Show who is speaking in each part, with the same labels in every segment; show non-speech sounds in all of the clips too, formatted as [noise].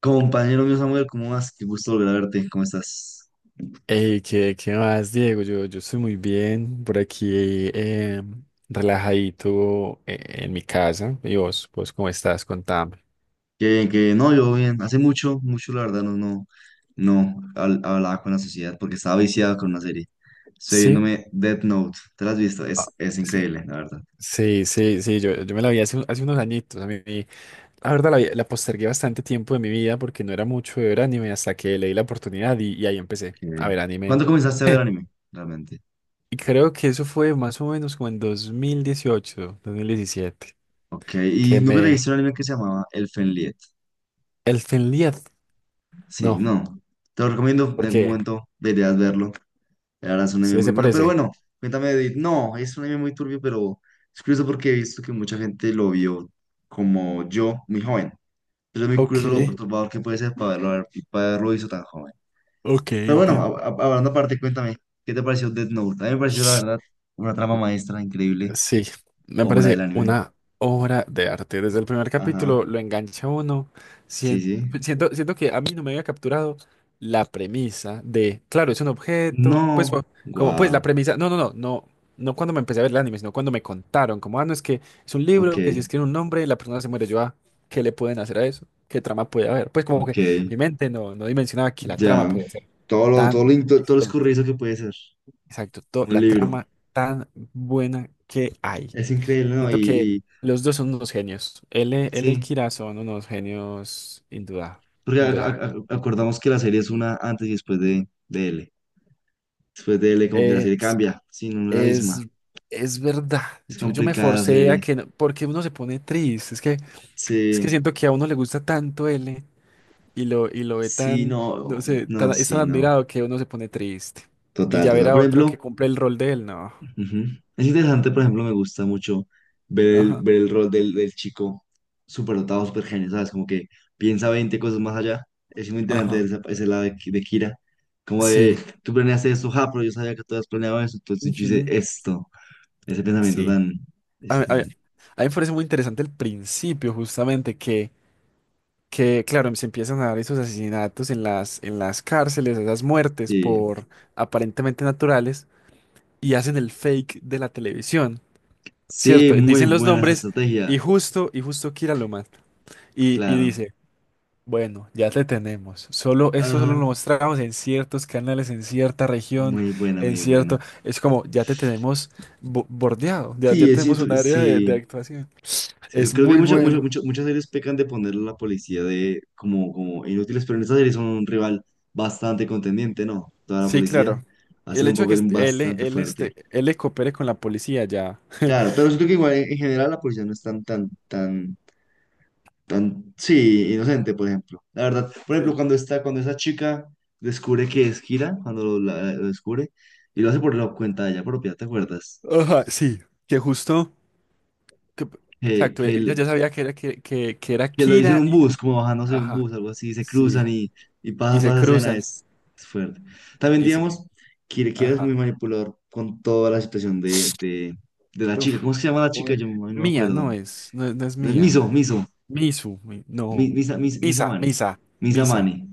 Speaker 1: Compañero mío Samuel, ¿cómo vas? Qué gusto volver a verte, ¿cómo estás?
Speaker 2: Ey, ¿qué más, Diego? Yo estoy muy bien por aquí, relajadito en mi casa. ¿Y vos cómo estás? Contame.
Speaker 1: Qué bien, qué bien. No, yo bien. Hace mucho, mucho, la verdad, no, no, no hablaba con la sociedad porque estaba viciado con una serie. Estoy
Speaker 2: Sí,
Speaker 1: viéndome Death Note. ¿Te la has visto?
Speaker 2: ah,
Speaker 1: Es
Speaker 2: sí,
Speaker 1: increíble, la verdad.
Speaker 2: sí, sí, sí, yo me la vi hace unos añitos. A mí, la verdad, la postergué bastante tiempo de mi vida porque no era mucho de ver anime hasta que leí la oportunidad y ahí empecé a
Speaker 1: Ok.
Speaker 2: ver anime.
Speaker 1: ¿Cuándo comenzaste a ver
Speaker 2: [laughs]
Speaker 1: anime? Realmente.
Speaker 2: Y creo que eso fue más o menos como en dos mil dieciocho, 2017,
Speaker 1: Ok, y
Speaker 2: que
Speaker 1: nunca te
Speaker 2: me...
Speaker 1: viste un anime que se llamaba El Fenliet.
Speaker 2: El Finliad,
Speaker 1: Sí,
Speaker 2: no,
Speaker 1: no. Te lo recomiendo, en algún
Speaker 2: porque.
Speaker 1: momento deberías verlo. La verdad es un anime
Speaker 2: Sí,
Speaker 1: muy
Speaker 2: se
Speaker 1: bueno. Pero
Speaker 2: parece.
Speaker 1: bueno, cuéntame, Edith. No, es un anime muy turbio, pero es curioso porque he visto que mucha gente lo vio como yo, muy joven. Pero es muy
Speaker 2: Ok,
Speaker 1: curioso lo perturbador que puede ser para verlo, para haberlo visto tan joven.
Speaker 2: ok,
Speaker 1: Pero bueno,
Speaker 2: entiendo.
Speaker 1: hablando aparte, cuéntame, ¿qué te pareció Death Note? A mí me pareció, la verdad, una trama maestra increíble,
Speaker 2: Sí, me
Speaker 1: obra del
Speaker 2: parece
Speaker 1: anime.
Speaker 2: una obra de arte. Desde el primer capítulo
Speaker 1: Ajá,
Speaker 2: lo engancha uno.
Speaker 1: sí,
Speaker 2: Sien-
Speaker 1: sí.
Speaker 2: siento que a mí no me había capturado la premisa de, claro, es un objeto, pues
Speaker 1: No,
Speaker 2: como pues la
Speaker 1: wow,
Speaker 2: premisa, no, no, no, no, no cuando me empecé a ver el anime, sino cuando me contaron, como, ah, no, es que es un
Speaker 1: ok,
Speaker 2: libro que si escribe un nombre, la persona se muere. Yo, ah, ¿qué le pueden hacer a eso? ¿Qué trama puede haber? Pues como que
Speaker 1: ok.
Speaker 2: mi mente no dimensionaba que la trama
Speaker 1: Ya,
Speaker 2: podía ser tan
Speaker 1: todo lo
Speaker 2: excelente.
Speaker 1: escurridizo que puede ser
Speaker 2: Exacto,
Speaker 1: un
Speaker 2: la
Speaker 1: libro.
Speaker 2: trama tan buena que hay.
Speaker 1: Es increíble, ¿no? Y,
Speaker 2: Siento que
Speaker 1: y
Speaker 2: los dos son unos genios. L y
Speaker 1: sí,
Speaker 2: Kira son unos genios,
Speaker 1: porque
Speaker 2: indudable.
Speaker 1: acordamos que la serie es una antes y después de L. Después de L, como que la
Speaker 2: Eh,
Speaker 1: serie cambia, sí, no no es la misma.
Speaker 2: es, es verdad.
Speaker 1: Es
Speaker 2: Yo me
Speaker 1: complicada la
Speaker 2: forcé a
Speaker 1: serie.
Speaker 2: que no- porque uno se pone triste. Es que
Speaker 1: Sí,
Speaker 2: siento que a uno le gusta tanto L y lo ve
Speaker 1: sí,
Speaker 2: tan, no
Speaker 1: no,
Speaker 2: sé, tan-
Speaker 1: no,
Speaker 2: es tan
Speaker 1: sí, no.
Speaker 2: admirado que uno se pone triste. Y
Speaker 1: Total,
Speaker 2: ya ver
Speaker 1: total.
Speaker 2: a
Speaker 1: Por
Speaker 2: otro que
Speaker 1: ejemplo,
Speaker 2: cumple el rol de él, no.
Speaker 1: ujú. Es interesante, por ejemplo, me gusta mucho ver el,
Speaker 2: Ajá.
Speaker 1: ver el rol del chico súper dotado, súper genio, ¿sabes? Como que piensa 20 cosas más allá. Es muy interesante
Speaker 2: Ajá.
Speaker 1: ese lado de Kira. Como de,
Speaker 2: Sí.
Speaker 1: tú planeaste esto, ja, pero yo sabía que tú habías planeado eso, entonces yo hice
Speaker 2: Ujú.
Speaker 1: esto. Ese pensamiento
Speaker 2: Sí.
Speaker 1: tan,
Speaker 2: A,
Speaker 1: es
Speaker 2: mí a
Speaker 1: tan.
Speaker 2: a mí me parece muy interesante el principio, justamente, que claro, se empiezan a dar esos asesinatos en las cárceles, esas muertes
Speaker 1: Sí,
Speaker 2: por aparentemente naturales, y hacen el fake de la televisión,
Speaker 1: sí,
Speaker 2: ¿cierto?
Speaker 1: muy
Speaker 2: Dicen los
Speaker 1: buena esa
Speaker 2: nombres
Speaker 1: estrategia,
Speaker 2: y justo Kira lo mata. Y
Speaker 1: claro.
Speaker 2: dice, bueno, ya te tenemos. Solo, esto solo lo
Speaker 1: Ajá,
Speaker 2: mostramos en ciertos canales, en cierta región,
Speaker 1: muy buena,
Speaker 2: en
Speaker 1: muy buena.
Speaker 2: cierto. Es como, ya te tenemos bordeado, ya,
Speaker 1: Sí,
Speaker 2: ya
Speaker 1: es
Speaker 2: tenemos
Speaker 1: cierto,
Speaker 2: un área de
Speaker 1: sí.
Speaker 2: actuación.
Speaker 1: Sí, yo
Speaker 2: Es
Speaker 1: creo que
Speaker 2: muy
Speaker 1: muchas muchas
Speaker 2: bueno.
Speaker 1: muchas muchas series pecan de poner a la policía de como inútiles, pero en esta serie son un rival bastante contendiente, ¿no? Toda la
Speaker 2: Sí,
Speaker 1: policía
Speaker 2: claro.
Speaker 1: hace
Speaker 2: El
Speaker 1: un
Speaker 2: hecho de que
Speaker 1: papel
Speaker 2: est- él,
Speaker 1: bastante
Speaker 2: él,
Speaker 1: fuerte.
Speaker 2: este, él le coopere con la policía ya.
Speaker 1: Claro, pero siento que igual en general la policía no es tan, tan, tan, tan, sí, inocente, por ejemplo. La verdad, por ejemplo,
Speaker 2: Sí.
Speaker 1: cuando está, cuando esa chica descubre que es Kira, cuando lo descubre, y lo hace por la cuenta de ella propia, ¿te acuerdas?
Speaker 2: Ajá, sí. Que justo. que-
Speaker 1: Que,
Speaker 2: exacto,
Speaker 1: que,
Speaker 2: ella
Speaker 1: le-
Speaker 2: ya sabía que era, que era
Speaker 1: que lo hizo en
Speaker 2: Kira
Speaker 1: un
Speaker 2: y.
Speaker 1: bus, como bajándose de un
Speaker 2: Ajá,
Speaker 1: bus, algo así, se
Speaker 2: sí.
Speaker 1: cruzan y
Speaker 2: Y
Speaker 1: pasa toda
Speaker 2: se
Speaker 1: esa escena,
Speaker 2: cruzan
Speaker 1: es fuerte. También,
Speaker 2: y se.
Speaker 1: digamos, que es
Speaker 2: Ajá.
Speaker 1: muy manipulador con toda la situación de, la chica.
Speaker 2: Uf,
Speaker 1: ¿Cómo es que se llama la chica?
Speaker 2: uy.
Speaker 1: Yo no no me
Speaker 2: Mía,
Speaker 1: acuerdo.
Speaker 2: no es. No, es no es
Speaker 1: No es
Speaker 2: mía.
Speaker 1: Miso, Miso,
Speaker 2: Misu, no.
Speaker 1: Misa, Misa,
Speaker 2: Misa,
Speaker 1: Mani,
Speaker 2: misa,
Speaker 1: Misa
Speaker 2: misa.
Speaker 1: Mani.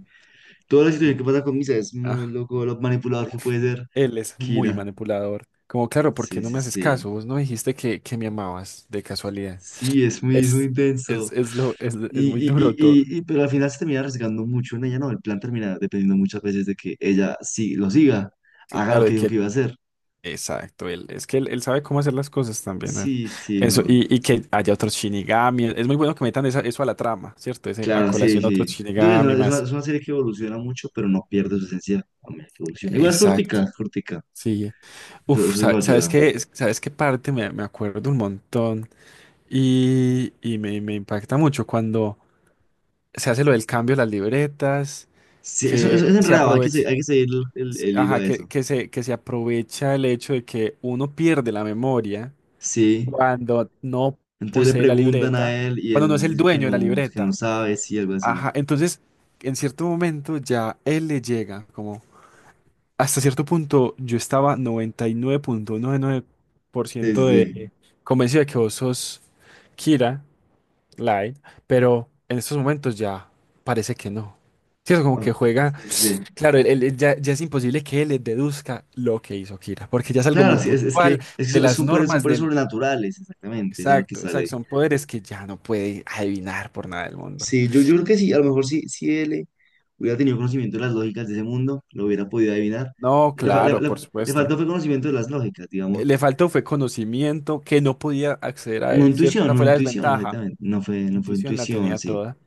Speaker 1: Toda la situación
Speaker 2: mi-
Speaker 1: que pasa con Misa es muy
Speaker 2: Ah,
Speaker 1: loco, lo manipulador que
Speaker 2: uf.
Speaker 1: puede ser
Speaker 2: Él es muy
Speaker 1: Kira.
Speaker 2: manipulador. Como, claro, ¿por qué
Speaker 1: Sí,
Speaker 2: no
Speaker 1: sí,
Speaker 2: me haces
Speaker 1: sí.
Speaker 2: caso? Vos no dijiste que me amabas de casualidad.
Speaker 1: Sí, es muy,
Speaker 2: Es, es,
Speaker 1: intenso.
Speaker 2: es lo, es, es
Speaker 1: Y,
Speaker 2: muy
Speaker 1: y, y,
Speaker 2: duro todo.
Speaker 1: pero al final se termina arriesgando mucho en ella, ¿no? El plan termina dependiendo muchas veces de que ella sí lo siga, haga lo
Speaker 2: Claro,
Speaker 1: que dijo que iba a hacer.
Speaker 2: exacto, él, es que él sabe cómo hacer las cosas también, ¿eh?
Speaker 1: Sí, sí,
Speaker 2: Eso,
Speaker 1: no.
Speaker 2: y que haya otros Shinigami, es muy bueno que metan eso a la trama, ¿cierto? Ese, a
Speaker 1: Claro, sí,
Speaker 2: colación
Speaker 1: sí.
Speaker 2: otros
Speaker 1: Siento que
Speaker 2: Shinigami más.
Speaker 1: es una serie que evoluciona mucho, pero no pierde su esencia a medida que evoluciona. Igual es
Speaker 2: Exacto,
Speaker 1: cortica, es cortica.
Speaker 2: sí.
Speaker 1: Eso,
Speaker 2: Uf,
Speaker 1: eso lo
Speaker 2: ¿sabes
Speaker 1: ayuda.
Speaker 2: qué? ¿Sabes qué parte? Me acuerdo un montón y me impacta mucho cuando se hace lo del cambio de las libretas,
Speaker 1: Sí, eso
Speaker 2: que
Speaker 1: es
Speaker 2: se
Speaker 1: enredado,
Speaker 2: aprovecha.
Speaker 1: hay que seguir el, el hilo
Speaker 2: Ajá,
Speaker 1: a
Speaker 2: que,
Speaker 1: eso.
Speaker 2: que se, que se aprovecha el hecho de que uno pierde la memoria
Speaker 1: Sí.
Speaker 2: cuando no
Speaker 1: Entonces le
Speaker 2: posee la
Speaker 1: preguntan a
Speaker 2: libreta,
Speaker 1: él y
Speaker 2: cuando no es
Speaker 1: él
Speaker 2: el
Speaker 1: dice
Speaker 2: dueño de la
Speaker 1: que no
Speaker 2: libreta.
Speaker 1: sabe, sí, algo así.
Speaker 2: Ajá, entonces en cierto momento ya él le llega, como hasta cierto punto yo estaba noventa y nueve punto noventa y nueve por
Speaker 1: Sí, sí,
Speaker 2: ciento de
Speaker 1: sí.
Speaker 2: convencido de que vos sos Kira Light, pero en estos momentos ya parece que no. ¿Cierto? Como
Speaker 1: Ok,
Speaker 2: que juega.
Speaker 1: sí, sí, sí.
Speaker 2: Claro, ya es imposible que él deduzca lo que hizo Kira, porque ya es algo muy
Speaker 1: Claro, sí, es, es que,
Speaker 2: puntual
Speaker 1: es que
Speaker 2: de
Speaker 1: son,
Speaker 2: las
Speaker 1: son poderes, son
Speaker 2: normas
Speaker 1: poderes
Speaker 2: del.
Speaker 1: sobrenaturales, exactamente, es algo que
Speaker 2: Exacto,
Speaker 1: sale.
Speaker 2: exacto, son poderes que ya no puede adivinar por nada del mundo.
Speaker 1: Sí, yo creo que sí, a lo mejor sí, si él hubiera tenido conocimiento de las lógicas de ese mundo, lo hubiera podido adivinar.
Speaker 2: No,
Speaker 1: Le, fa- le-
Speaker 2: claro, por
Speaker 1: le- le
Speaker 2: supuesto.
Speaker 1: faltó fue conocimiento de las lógicas, digamos.
Speaker 2: Le faltó fue conocimiento que no podía acceder a
Speaker 1: No
Speaker 2: él, ¿cierto?
Speaker 1: intuición,
Speaker 2: Esa
Speaker 1: no
Speaker 2: fue la
Speaker 1: intuición,
Speaker 2: desventaja.
Speaker 1: exactamente. No fue
Speaker 2: Intuición la
Speaker 1: intuición,
Speaker 2: tenía
Speaker 1: sí.
Speaker 2: toda.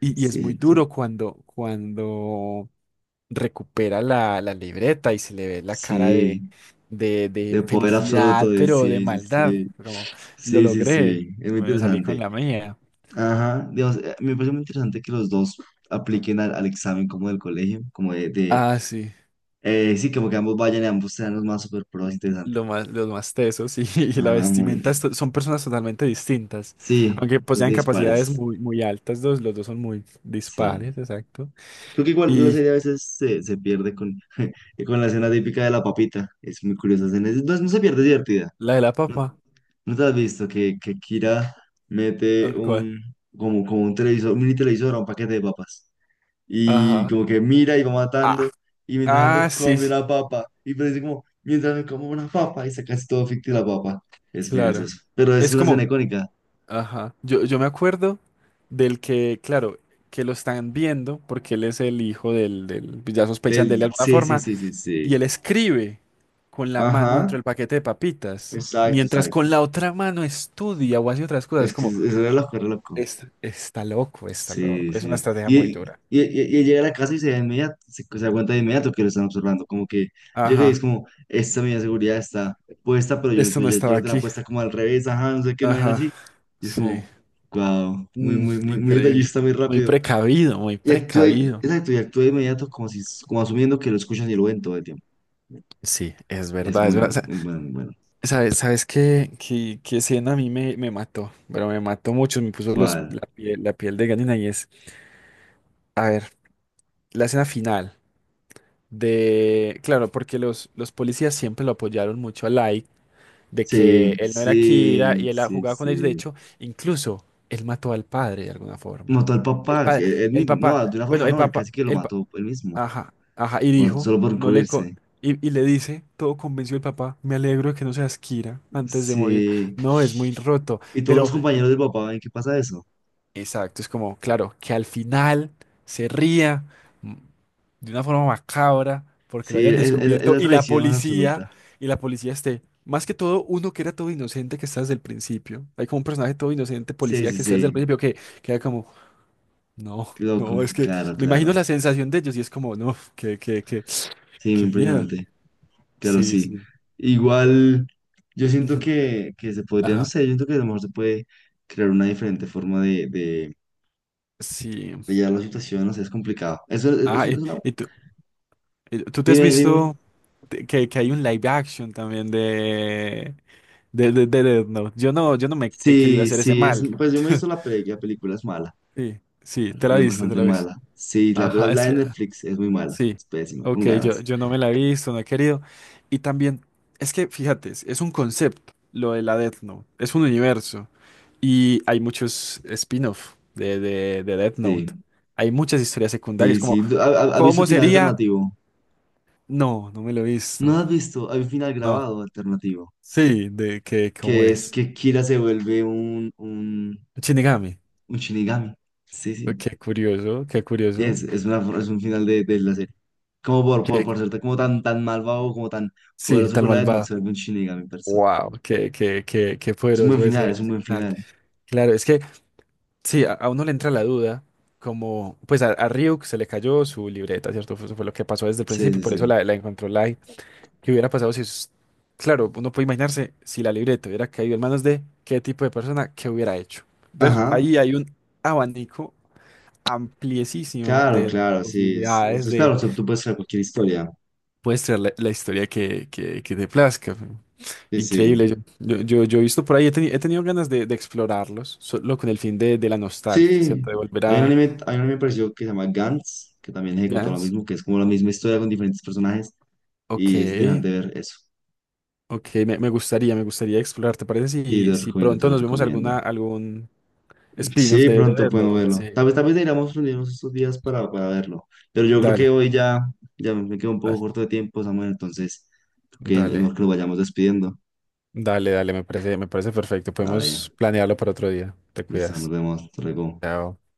Speaker 2: Y es muy
Speaker 1: Cierto.
Speaker 2: duro cuando recupera la libreta y se le ve la cara de,
Speaker 1: Sí,
Speaker 2: de, de
Speaker 1: de poder absoluto,
Speaker 2: felicidad,
Speaker 1: de,
Speaker 2: pero de
Speaker 1: sí, sí,
Speaker 2: maldad,
Speaker 1: sí.
Speaker 2: como lo
Speaker 1: Sí, sí,
Speaker 2: logré,
Speaker 1: sí, es muy
Speaker 2: me salí con
Speaker 1: interesante.
Speaker 2: la mía.
Speaker 1: Ajá, digamos, me parece muy interesante que los dos apliquen al examen como del colegio, como
Speaker 2: Ah, sí,
Speaker 1: Sí, como que ambos vayan y ambos sean los más super pros, interesante.
Speaker 2: los más tesos y, [laughs] y la
Speaker 1: Ajá, muy.
Speaker 2: vestimenta son personas totalmente distintas,
Speaker 1: Sí,
Speaker 2: aunque
Speaker 1: dos
Speaker 2: posean capacidades
Speaker 1: dispares.
Speaker 2: muy, muy altas, dos los dos son muy
Speaker 1: Sí.
Speaker 2: dispares, exacto.
Speaker 1: Creo que igual la
Speaker 2: Y
Speaker 1: serie a veces se pierde [laughs] con la escena típica de la papita. Es muy curiosa escena. No, no se pierde, es divertida.
Speaker 2: la de la papa,
Speaker 1: ¿No, no te has visto que Kira mete
Speaker 2: al cual.
Speaker 1: como un televisor, un mini televisor a un paquete de papas? Y
Speaker 2: Ajá.
Speaker 1: como que mira y va
Speaker 2: Ah,
Speaker 1: matando y mientras
Speaker 2: ah,
Speaker 1: tanto
Speaker 2: sí,
Speaker 1: come
Speaker 2: sí,
Speaker 1: una papa y parece como mientras me como una papa y saca así todo ficti la papa. Es muy
Speaker 2: claro.
Speaker 1: gracioso. Pero es
Speaker 2: Es
Speaker 1: una escena
Speaker 2: como.
Speaker 1: icónica
Speaker 2: Ajá. Yo me acuerdo del que, claro, que lo están viendo porque él es el hijo del, pues ya sospechan de él de
Speaker 1: del
Speaker 2: alguna
Speaker 1: sí, sí,
Speaker 2: forma,
Speaker 1: sí, sí, sí.
Speaker 2: y él escribe con la mano
Speaker 1: Ajá,
Speaker 2: dentro del paquete de papitas,
Speaker 1: exacto,
Speaker 2: mientras con
Speaker 1: exacto.
Speaker 2: la otra mano estudia o hace otras cosas,
Speaker 1: Es que
Speaker 2: como,
Speaker 1: eso era la loco.
Speaker 2: es está
Speaker 1: Sí,
Speaker 2: loco, es una
Speaker 1: sí.
Speaker 2: estrategia
Speaker 1: Y,
Speaker 2: muy
Speaker 1: y,
Speaker 2: dura.
Speaker 1: y- y llega a la casa y se da inmediato, se da cuenta de inmediato que lo están observando. Como que llega y es
Speaker 2: Ajá.
Speaker 1: como, esta medida de seguridad está puesta, pero yo,
Speaker 2: Esto
Speaker 1: pero
Speaker 2: no
Speaker 1: yo, yo te
Speaker 2: estaba
Speaker 1: la tenía
Speaker 2: aquí.
Speaker 1: puesta como al revés, ajá, no sé qué, no hay
Speaker 2: Ajá.
Speaker 1: así. Y es
Speaker 2: Sí.
Speaker 1: como, wow, muy,
Speaker 2: Mm,
Speaker 1: muy, muy, muy
Speaker 2: increíble.
Speaker 1: detallista, muy
Speaker 2: Muy
Speaker 1: rápido.
Speaker 2: precavido, muy
Speaker 1: Y actúa,
Speaker 2: precavido.
Speaker 1: exacto, y actúa de inmediato como si, como asumiendo que lo escuchan y lo ven todo el tiempo.
Speaker 2: Sí, es
Speaker 1: Es
Speaker 2: verdad, es
Speaker 1: muy,
Speaker 2: verdad.
Speaker 1: muy bueno, muy bueno.
Speaker 2: ¿Sabes que qué escena a mí me mató? Pero me mató mucho, me puso
Speaker 1: ¿Cuál?
Speaker 2: la piel de gallina y a ver, la escena final de, claro, porque los policías siempre lo apoyaron mucho a Light, de que
Speaker 1: Sí,
Speaker 2: él no era Kira
Speaker 1: sí,
Speaker 2: y él
Speaker 1: sí,
Speaker 2: jugaba con ellos, de
Speaker 1: sí.
Speaker 2: hecho, incluso él mató al padre de alguna forma.
Speaker 1: Mató al
Speaker 2: El
Speaker 1: papá, sí,
Speaker 2: padre,
Speaker 1: él
Speaker 2: el
Speaker 1: mismo,
Speaker 2: papá,
Speaker 1: no, de una
Speaker 2: bueno,
Speaker 1: forma
Speaker 2: el
Speaker 1: no, él
Speaker 2: papá,
Speaker 1: casi que lo mató él mismo.
Speaker 2: Ajá, ajá, y dijo,
Speaker 1: Solo por
Speaker 2: no le co-
Speaker 1: cubrirse.
Speaker 2: y le dice, todo convencido el papá, me alegro de que no seas Kira antes de morir.
Speaker 1: Sí.
Speaker 2: No, es muy roto,
Speaker 1: Y todos los
Speaker 2: pero
Speaker 1: compañeros del papá, ¿en qué pasa eso?
Speaker 2: exacto, es como, claro, que al final se ría mm, de una forma macabra porque lo
Speaker 1: Sí,
Speaker 2: hayan
Speaker 1: es
Speaker 2: descubierto
Speaker 1: la
Speaker 2: y la
Speaker 1: traición más
Speaker 2: policía,
Speaker 1: absoluta.
Speaker 2: y la policía esté, más que todo, uno que era todo inocente que está desde el principio. Hay como un personaje todo inocente,
Speaker 1: Sí,
Speaker 2: policía
Speaker 1: sí,
Speaker 2: que está desde el
Speaker 1: sí.
Speaker 2: principio que queda como, no,
Speaker 1: Qué loco.
Speaker 2: no, es que
Speaker 1: Claro,
Speaker 2: me imagino
Speaker 1: claro.
Speaker 2: la sensación de ellos y es como, no, que, que, que,
Speaker 1: Sí, muy
Speaker 2: qué miedo.
Speaker 1: impresionante. Claro,
Speaker 2: Sí,
Speaker 1: sí.
Speaker 2: sí.
Speaker 1: Igual, yo siento
Speaker 2: Ujú.
Speaker 1: que se podría, no
Speaker 2: Ajá.
Speaker 1: sé, yo siento que a lo mejor se puede crear una diferente forma de, de,
Speaker 2: Sí.
Speaker 1: de llevar la situación, no sé, es complicado. Eso es
Speaker 2: Ajá. Y,
Speaker 1: una.
Speaker 2: y tú, y tú te has
Speaker 1: Dime, dime.
Speaker 2: visto que hay un live action también de, de Death Note. Yo no me he querido
Speaker 1: Sí,
Speaker 2: hacer ese
Speaker 1: sí, es,
Speaker 2: mal.
Speaker 1: pues yo me he visto
Speaker 2: [laughs]
Speaker 1: la película, es mala.
Speaker 2: Sí, sí,
Speaker 1: La
Speaker 2: te la
Speaker 1: película es
Speaker 2: viste, te
Speaker 1: bastante
Speaker 2: la viste.
Speaker 1: mala. Sí, la,
Speaker 2: Ajá,
Speaker 1: la
Speaker 2: es
Speaker 1: de
Speaker 2: que.
Speaker 1: Netflix es muy mala.
Speaker 2: Sí.
Speaker 1: Es pésima, con
Speaker 2: Ok, yo,
Speaker 1: ganas.
Speaker 2: yo no me la he visto, no he querido. Y también, es que fíjate, es un concepto lo de la Death Note. Es un universo. Y hay muchos spin-off de Death Note.
Speaker 1: Sí,
Speaker 2: Hay muchas historias secundarias,
Speaker 1: sí,
Speaker 2: como.
Speaker 1: sí. ¿Has visto el
Speaker 2: ¿Cómo
Speaker 1: final
Speaker 2: sería?
Speaker 1: alternativo?
Speaker 2: No, no me lo he
Speaker 1: No
Speaker 2: visto.
Speaker 1: has visto. Hay un final
Speaker 2: No.
Speaker 1: grabado alternativo.
Speaker 2: Sí, de que cómo
Speaker 1: Que es
Speaker 2: es.
Speaker 1: que Kira se vuelve un, un,
Speaker 2: Shinigami.
Speaker 1: un Shinigami. Sí, sí.
Speaker 2: Qué curioso, qué
Speaker 1: Y
Speaker 2: curioso.
Speaker 1: es un final de, la serie. Como por, por,
Speaker 2: Qué- qué-
Speaker 1: por ser como tan, tan malvado, como tan
Speaker 2: sí,
Speaker 1: poderoso
Speaker 2: tan
Speaker 1: con la Death Note,
Speaker 2: malvada.
Speaker 1: se vuelve un Shinigami per se.
Speaker 2: Wow, qué
Speaker 1: Es un buen
Speaker 2: poderoso
Speaker 1: final,
Speaker 2: ese,
Speaker 1: es un
Speaker 2: ese
Speaker 1: buen
Speaker 2: final.
Speaker 1: final.
Speaker 2: Claro, es que sí, a uno le entra la duda, como pues a Ryuk se le cayó su libreta, ¿cierto? Eso fue lo que pasó desde el
Speaker 1: Sí,
Speaker 2: principio,
Speaker 1: sí,
Speaker 2: por eso
Speaker 1: sí.
Speaker 2: la encontró Light. ¿Qué hubiera pasado si, claro, uno puede imaginarse si la libreta hubiera caído en manos de qué tipo de persona, qué hubiera hecho? Entonces,
Speaker 1: Ajá.
Speaker 2: ahí hay un abanico ampliesísimo
Speaker 1: Claro,
Speaker 2: de
Speaker 1: claro, sí.
Speaker 2: posibilidades de
Speaker 1: Claro, tú puedes hacer cualquier historia.
Speaker 2: puedes traer la historia que te plazca.
Speaker 1: Sí, sí.
Speaker 2: Increíble. Yo he visto por ahí, he tenido ganas de explorarlos, solo con el fin de la nostalgia,
Speaker 1: Sí,
Speaker 2: ¿cierto? De volver a
Speaker 1: hay un anime parecido que se llama Gantz, que también ejecuta lo
Speaker 2: Gans.
Speaker 1: mismo, que es como la misma historia con diferentes personajes
Speaker 2: Ok,
Speaker 1: y es interesante ver eso.
Speaker 2: ok, me gustaría explorar. ¿Te parece
Speaker 1: Sí, te
Speaker 2: si,
Speaker 1: lo
Speaker 2: si
Speaker 1: recomiendo, te
Speaker 2: pronto
Speaker 1: lo
Speaker 2: nos vemos
Speaker 1: recomiendo.
Speaker 2: algún spin-off
Speaker 1: Sí,
Speaker 2: de
Speaker 1: pronto
Speaker 2: Death
Speaker 1: podemos
Speaker 2: Note?
Speaker 1: verlo.
Speaker 2: Sí.
Speaker 1: Tal vez deberíamos reunirnos estos días para, verlo, pero yo creo que
Speaker 2: Dale,
Speaker 1: hoy ya, ya me quedo un poco
Speaker 2: dale,
Speaker 1: corto de tiempo, Samuel, entonces creo que es mejor
Speaker 2: dale,
Speaker 1: que nos vayamos despidiendo.
Speaker 2: dale, dale, me parece perfecto.
Speaker 1: Dale,
Speaker 2: Podemos planearlo para otro día. Te
Speaker 1: listo, nos
Speaker 2: cuidas.
Speaker 1: vemos, hasta luego.
Speaker 2: Chao.